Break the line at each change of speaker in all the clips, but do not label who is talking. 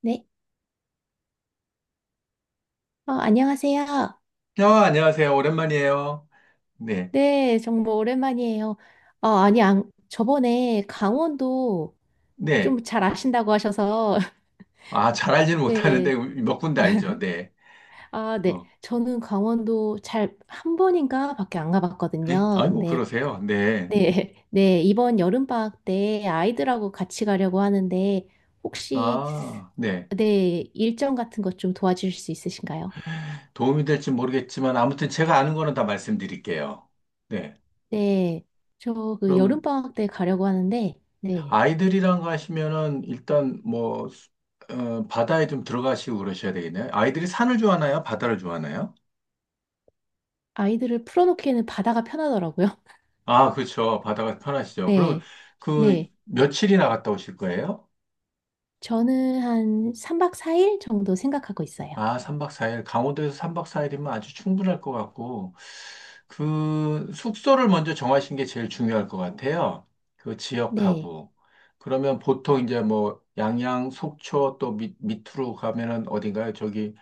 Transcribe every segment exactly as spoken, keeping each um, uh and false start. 네, 어, 안녕하세요.
아, 안녕하세요. 오랜만이에요. 네.
네, 정말 오랜만이에요. 어, 아니, 안, 저번에 강원도
네.
좀 잘 아신다고 하셔서,
아, 잘 알지는 못하는데
네,
몇 군데 알죠. 네.
아, 네,
어.
저는 강원도 잘 한 번인가 밖에 안
네?
가봤거든요.
아이고,
근데,
그러세요.
네,
네.
네, 이번 여름방학 때 아이들하고 같이 가려고 하는데, 혹시,
아, 네.
네, 일정 같은 것 좀 도와주실 수 있으신가요?
도움이 될지 모르겠지만 아무튼 제가 아는 거는 다 말씀드릴게요. 네.
네, 저 그
그러면
여름방학 때 가려고 하는데, 네,
아이들이랑 가시면은 일단 뭐 수- 어, 바다에 좀 들어가시고 그러셔야 되겠네요. 아이들이 산을 좋아하나요? 바다를 좋아하나요?
아이들을 풀어놓기에는 바다가 편하더라고요.
아, 그렇죠. 바다가 편하시죠. 그러면
네,
그
네.
며칠이나 갔다 오실 거예요?
저는 한 삼 박 사 일 정도 생각하고 있어요.
아, 삼 박 사 일. 강원도에서 삼 박 사 일이면 아주 충분할 것 같고, 그, 숙소를 먼저 정하신 게 제일 중요할 것 같아요. 그
네,
지역하고. 그러면 보통 이제 뭐, 양양, 속초 또 밑, 밑으로 가면은 어딘가요? 저기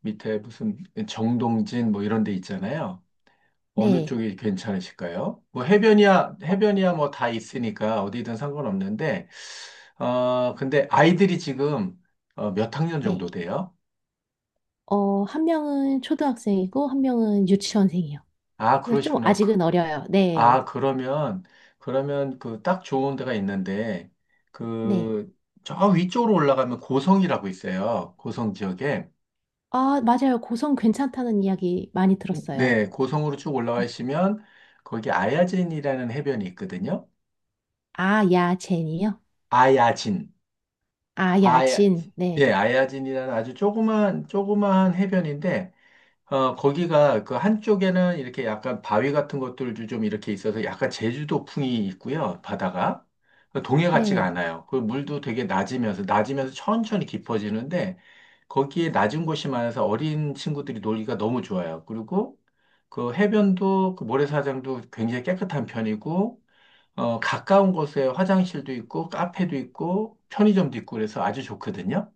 밑에 무슨 정동진 뭐 이런 데 있잖아요. 어느
네,
쪽이 괜찮으실까요? 뭐 해변이야, 해변이야 뭐 다 있으니까 어디든 상관없는데, 어, 근데 아이들이 지금 어, 몇 학년 정도
네.
돼요?
어, 한 명은 초등학생이고, 한 명은 유치원생이요.
아,
그래서 좀
그러시구나. 그
아직은 어려요.
아,
네,
그러면, 그러면 그 딱 좋은 데가 있는데,
네.
그, 저 위쪽으로 올라가면 고성이라고 있어요. 고성 지역에.
아, 맞아요. 고성 괜찮다는 이야기 많이 들었어요.
네, 고성으로 쭉 올라가시면, 거기 아야진이라는 해변이 있거든요.
아, 야, 젠이요?
아야진.
아, 야,
아야,
진.
예,
네,
아야진이라는 아주 조그만, 조그만 해변인데, 어, 거기가 그 한쪽에는 이렇게 약간 바위 같은 것들도 좀 이렇게 있어서 약간 제주도풍이 있고요, 바다가. 그 동해 같지가
네.
않아요. 그 물도 되게 낮으면서, 낮으면서 천천히 깊어지는데, 거기에 낮은 곳이 많아서 어린 친구들이 놀기가 너무 좋아요. 그리고 그 해변도, 그 모래사장도 굉장히 깨끗한 편이고, 어, 가까운 곳에 화장실도 있고, 카페도 있고, 편의점도 있고, 그래서 아주 좋거든요.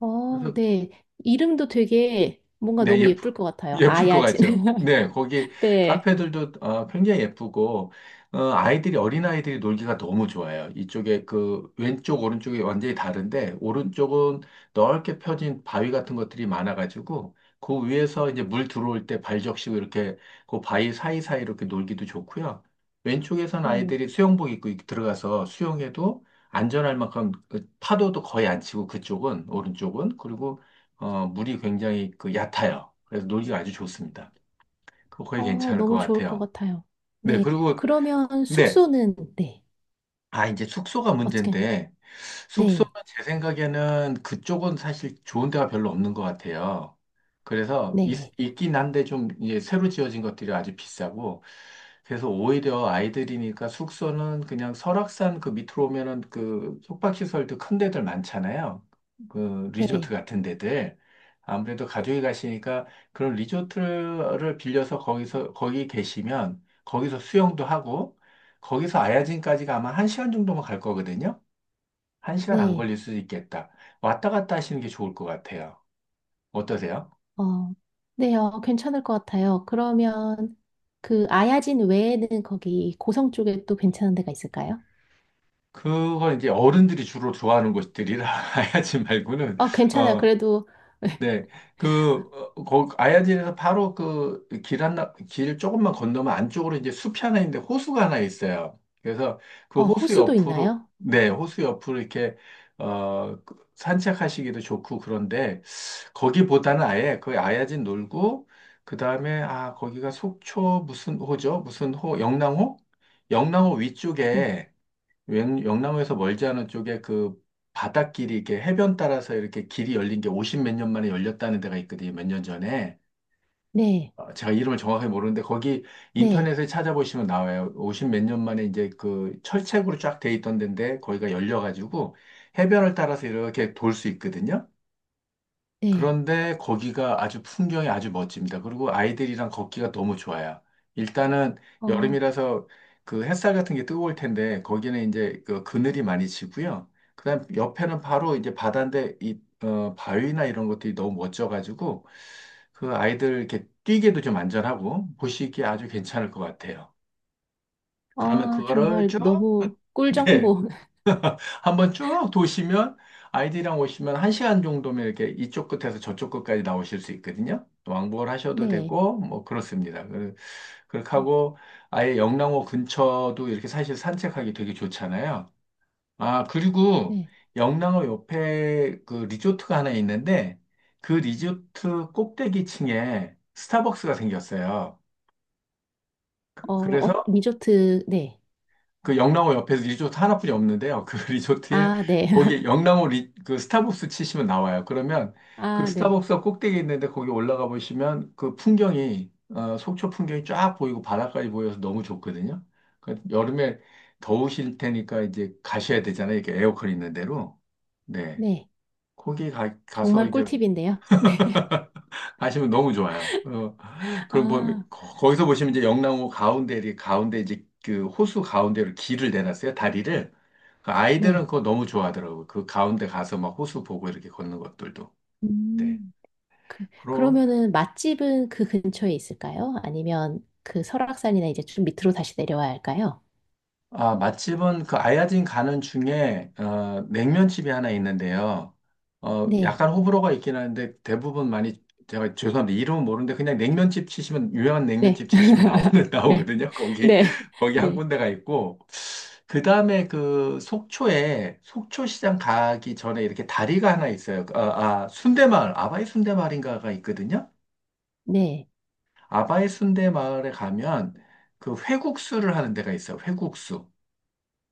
어,
그래서
네. 이름도 되게 뭔가
네,
너무
예쁘,
예쁠 것 같아요. 아,
예쁠 것
야, 진.
같죠. 네, 거기
네.
카페들도 어, 굉장히 예쁘고, 어, 아이들이, 어린아이들이 놀기가 너무 좋아요. 이쪽에 그 왼쪽, 오른쪽이 완전히 다른데, 오른쪽은 넓게 펴진 바위 같은 것들이 많아가지고, 그 위에서 이제 물 들어올 때 발적시고 이렇게 그 바위 사이사이 이렇게 놀기도 좋고요. 왼쪽에선
네.
아이들이 수영복 입고 들어가서 수영해도 안전할 만큼 그 파도도 거의 안 치고 그쪽은, 오른쪽은. 그리고 어, 물이 굉장히 그 얕아요. 그래서 놀기가 아주 좋습니다. 그거 거의
어,
괜찮을 것
너무 좋을 것
같아요.
같아요.
네,
네.
그리고,
그러면
네,
숙소는, 네.
아, 이제 숙소가
어떻게,
문제인데, 숙소는
네.
제 생각에는 그쪽은 사실 좋은 데가 별로 없는 것 같아요. 그래서 있,
네.
있긴 한데 좀 이제 새로 지어진 것들이 아주 비싸고, 그래서 오히려 아이들이니까 숙소는 그냥 설악산 그 밑으로 오면은 그 숙박시설도 큰 데들 많잖아요. 그 리조트
네.
같은 데들. 아무래도 가족이 가시니까 그런 리조트를 빌려서 거기서, 거기 계시면 거기서 수영도 하고, 거기서 아야진까지가 아마 한 시간 정도만 갈 거거든요. 한 시간 안
네.
걸릴 수도 있겠다. 왔다 갔다 하시는 게 좋을 것 같아요. 어떠세요?
어, 네. 어, 괜찮을 것 같아요. 그러면 그 아야진 외에는 거기 고성 쪽에 또 괜찮은 데가 있을까요?
그건 이제 어른들이 주로 좋아하는 곳들이라 아야진 말고는
어, 괜찮아요.
어,
그래도,
네, 그, 어, 거, 아야진에서 바로 그 길 하나, 길 조금만 건너면 안쪽으로 이제 숲이 하나 있는데 호수가 하나 있어요. 그래서 그
어,
호수
호수도
옆으로,
있나요?
네, 호수 옆으로 이렇게, 어, 그 산책하시기도 좋고 그런데 거기보다는 아예 그 아야진 놀고, 그 다음에, 아, 거기가 속초 무슨 호죠? 무슨 호, 영랑호? 영랑호
음.
위쪽에 영- 영남에서 멀지 않은 쪽에 그 바닷길이 이렇게 해변 따라서 이렇게 길이 열린 게 오십 몇 년 만에 열렸다는 데가 있거든요. 몇 년 전에.
네.
어, 제가 이름을 정확하게 모르는데 거기
네.
인터넷에 찾아보시면 나와요. 오십 몇 년 만에 이제 그 철책으로 쫙 돼 있던 데인데 거기가 열려가지고 해변을 따라서 이렇게 돌 수 있거든요.
네.
그런데 거기가 아주 풍경이 아주 멋집니다. 그리고 아이들이랑 걷기가 너무 좋아요. 일단은
어,
여름이라서 그 햇살 같은 게 뜨거울 텐데 거기는 이제 그 그늘이 많이 지고요. 그다음 옆에는 바로 이제 바다인데 이 어, 바위나 이런 것들이 너무 멋져가지고 그 아이들 이렇게 뛰기도 좀 안전하고 보시기에 아주 괜찮을 것 같아요. 그러면
아,
그거를
정말
쭉
너무
네.
꿀정보.
한번 쭉 도시면 아이들이랑 오시면 한 시간 정도면 이렇게 이쪽 끝에서 저쪽 끝까지 나오실 수 있거든요. 왕복을 하셔도
네.
되고 뭐 그렇습니다. 그- 그렇게
네.
하고 아예 영랑호 근처도 이렇게 사실 산책하기 되게 좋잖아요. 아, 그리고
네.
영랑호 옆에 그 리조트가 하나 있는데 그 리조트 꼭대기층에 스타벅스가 생겼어요.
어,
그-
어,
그래서
리조트, 네.
그 영랑호 옆에서 리조트 하나뿐이 없는데요. 그 리조트에
아, 네.
거기 영랑호 리, 그 스타벅스 치시면 나와요. 그러면 그
아, 네.
스타벅스 꼭대기 있는데 거기 올라가 보시면 그 풍경이 어, 속초 풍경이 쫙 보이고 바다까지 보여서 너무 좋거든요. 그 여름에 더우실 테니까 이제 가셔야 되잖아요. 이렇게 에어컨 있는 데로. 네.
네.
거기 가, 가서
정말
이제
꿀팁인데요. 네.
하시면 너무 좋아요. 어, 그럼 보면
아,
거- 거기서 보시면 이제 영랑호 가운데 이렇게 가운데 이제 그 호수 가운데로 길을 내놨어요. 다리를. 그 아이들은
네.
그거 너무 좋아하더라고요. 그 가운데 가서 막 호수 보고 이렇게 걷는 것들도. 네.
음, 그,
그리고
그러면은 맛집은 그 근처에 있을까요? 아니면 그 설악산이나 이제 좀 밑으로 다시 내려와야 할까요?
아, 맛집은 그 아야진 가는 중에 어, 냉면집이 하나 있는데요. 어,
네.
약간 호불호가 있긴 하는데 대부분 많이 제가 죄송합니다. 이름은 모르는데 그냥 냉면집 치시면 유명한
네.
냉면집 치시면 나오는
네.
나오거든요. 거기
네.
거기 한
네.
군데가 있고 그 다음에 그 속초에 속초시장 가기 전에 이렇게 다리가 하나 있어요. 그, 아, 아, 순대마을, 아바이 순대마을인가가 있거든요.
네.
아바이 순대마을에 가면 그 회국수를 하는 데가 있어요. 회국수.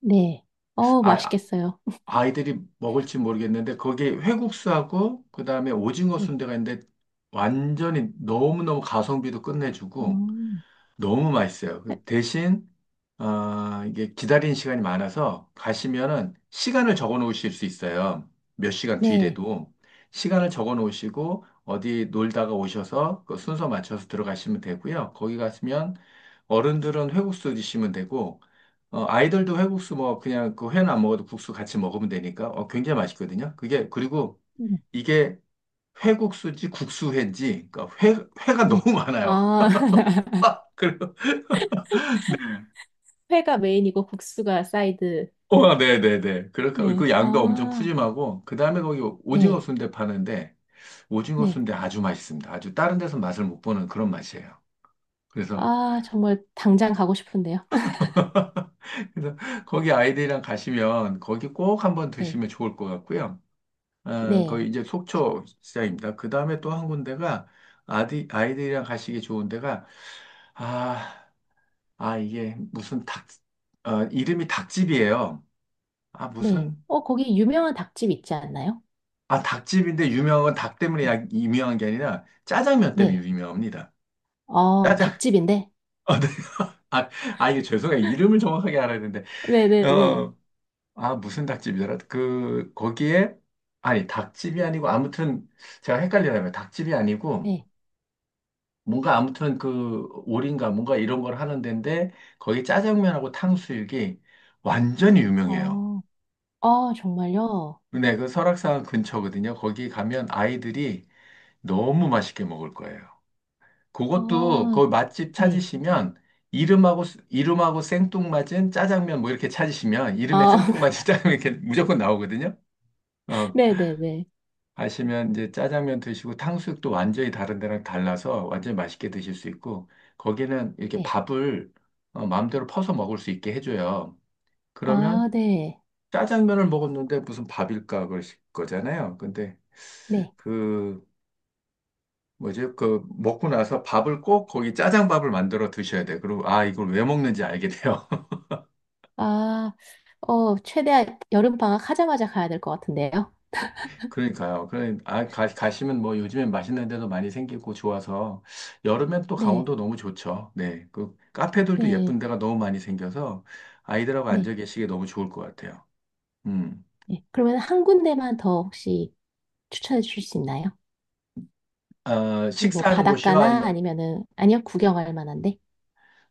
네. 어,
아, 아,
맛있겠어요.
아이들이 먹을지 모르겠는데 거기 회국수하고 그 다음에 오징어
네.
순대가 있는데 완전히 너무너무 가성비도 끝내주고
음.
너무 맛있어요. 그 대신 어, 이게 기다리는 시간이 많아서 가시면은 시간을 적어 놓으실 수 있어요. 몇 시간
네.
뒤래도 시간을 적어 놓으시고 어디 놀다가 오셔서 그 순서 맞춰서 들어가시면 되고요. 거기 가시면 어른들은 회국수 드시면 되고 어, 아이들도 회국수 뭐 그냥 그 회는 안 먹어도 국수 같이 먹으면 되니까 어, 굉장히 맛있거든요. 그게 그리고
음,
이게 회국수지 국수회인지 그러니까 회 회가
네.
너무 많아요.
아, 회가 메인이고 국수가 사이드.
어, 네네네. 그니까
네.
그 양도 엄청
아,
푸짐하고, 그 다음에 거기 오징어
네.
순대 파는데, 오징어
네.
순대 아주 맛있습니다. 아주 다른 데서 맛을 못 보는 그런 맛이에요. 그래서,
아, 정말 당장 가고 싶은데요.
그래서 거기 아이들이랑 가시면, 거기 꼭 한번
네,
드시면 좋을 것 같고요. 어, 거기
네,
이제 속초 시장입니다. 그 다음에 또 한 군데가, 아디, 아이들이랑 가시기 좋은 데가, 아, 아, 이게 무슨 닭, 어, 이름이 닭집이에요. 아,
네.
무슨
어, 거기 유명한 닭집 있지 않나요?
아, 닭집인데 유명한 건 닭 때문에
네,
야- 유명한 게 아니라 짜장면 때문에
네.
유명합니다.
어,
짜장,
닭집인데?
어, 네. 아, 아, 이게 죄송해요. 이름을 정확하게 알아야 되는데,
네, 네,
어,
네.
어. 아, 무슨 닭집이더라? 그, 거기에, 아니, 닭집이 아니고, 아무튼, 제가 헷갈리라면 닭집이 아니고,
네.
뭔가 아무튼 그, 오리인가 뭔가 이런 걸 하는 데인데, 거기 짜장면하고 탕수육이 완전히 유명해요.
어, 어, 정말요?
근데 그 설악산 근처거든요. 거기 가면 아이들이 너무 맛있게 먹을 거예요. 그것도
아,
거기 맛집
네.
찾으시면 이름하고 스- 이름하고 생뚱맞은 짜장면 뭐 이렇게 찾으시면 이름에
아,
생뚱맞은 짜장면 이렇게 무조건 나오거든요. 어,
네, 네, 네.
가시면 이제 짜장면 드시고 탕수육도 완전히 다른 데랑 달라서 완전히 맛있게 드실 수 있고 거기는 이렇게
네.
밥을 어, 마음대로 퍼서 먹을 수 있게 해줘요. 그러면
아, 네,
짜장면을 먹었는데 무슨 밥일까 그러실 거잖아요. 근데
네.
그 뭐지? 그 먹고 나서 밥을 꼭 거기 짜장밥을 만들어 드셔야 돼. 그리고 아 이걸 왜 먹는지 알게 돼요.
아, 어, 최대한 여름 방학 하자마자 가야 될 것 같은데요?
그러니까요. 그러니 아 가, 가시면 뭐 요즘엔 맛있는 데도 많이 생기고 좋아서 여름엔 또
네,
강원도 너무 좋죠. 네. 그 카페들도
네,
예쁜 데가 너무 많이 생겨서 아이들하고
네,
앉아 계시기 너무 좋을 것 같아요. 음.
네. 그러면 한 군데만 더 혹시 추천해 주실 수 있나요?
어,
네, 뭐
식사하는 곳이요?
바닷가나
아니면
아니면은, 아니요, 구경할 만한데?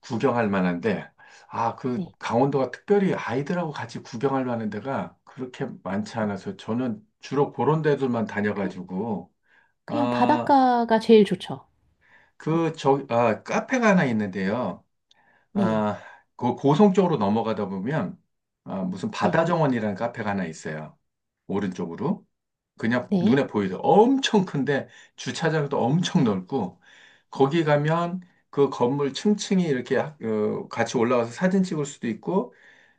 구경할 만한데 아 그
네.
강원도가 특별히 아이들하고 같이 구경할 만한 데가 그렇게 많지 않아서 저는 주로 그런 데들만
그냥,
다녀가지고
그냥
아,
바닷가가 제일 좋죠.
그, 저, 아, 카페가 하나 있는데요.
네,
아, 그 고성 쪽으로 넘어가다 보면, 아, 무슨
네,
바다정원이라는 카페가 하나 있어요. 오른쪽으로. 그냥
네.
눈에 보이죠. 엄청 큰데, 주차장도 엄청 넓고, 거기 가면 그 건물 층층이 이렇게 하- 어, 같이 올라와서 사진 찍을 수도 있고,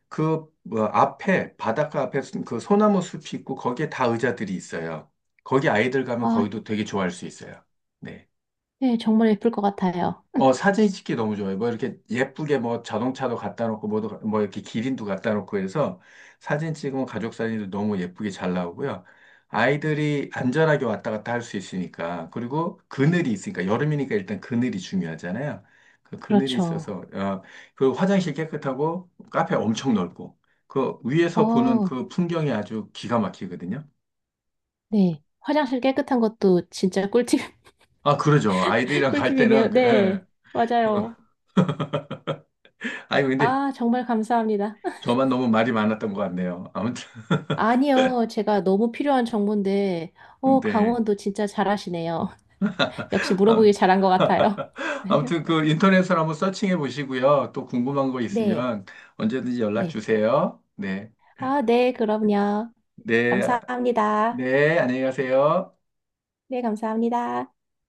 그 뭐, 앞에, 바닷가 앞에 수- 그 소나무 숲이 있고, 거기에 다 의자들이 있어요. 거기 아이들 가면
아,
거기도 되게 좋아할 수 있어요. 네.
네, 정말 예쁠 것 같아요.
어, 사진 찍기 너무 좋아요. 뭐 이렇게 예쁘게 뭐 자동차도 갖다 놓고 뭐도 뭐 이렇게 기린도 갖다 놓고 해서 사진 찍으면 가족 사진도 너무 예쁘게 잘 나오고요. 아이들이 안전하게 왔다 갔다 할 수 있으니까 그리고 그늘이 있으니까 여름이니까 일단 그늘이 중요하잖아요. 그 그늘이
그렇죠.
있어서 어, 그 화장실 깨끗하고 카페 엄청 넓고 그 위에서 보는
어,
그 풍경이 아주 기가 막히거든요.
네. 화장실 깨끗한 것도 진짜 꿀팁,
아, 그러죠. 아이들이랑 갈
꿀팁이네요.
때는 그, 예.
네,
어.
맞아요.
아니 근데
아, 정말 감사합니다.
저만 너무 말이 많았던 것 같네요. 아무튼.
아니요, 제가 너무 필요한 정보인데, 어,
네.
강원도 진짜 잘하시네요. 역시
아,
물어보길 잘한 것 같아요.
아무튼 그 인터넷으로 한번 서칭해 보시고요. 또 궁금한 거
네,
있으면 언제든지 연락
네.
주세요. 네.
아, 네, 그럼요.
네.
감사합니다.
네. 안녕히 가세요.
네, 감사합니다.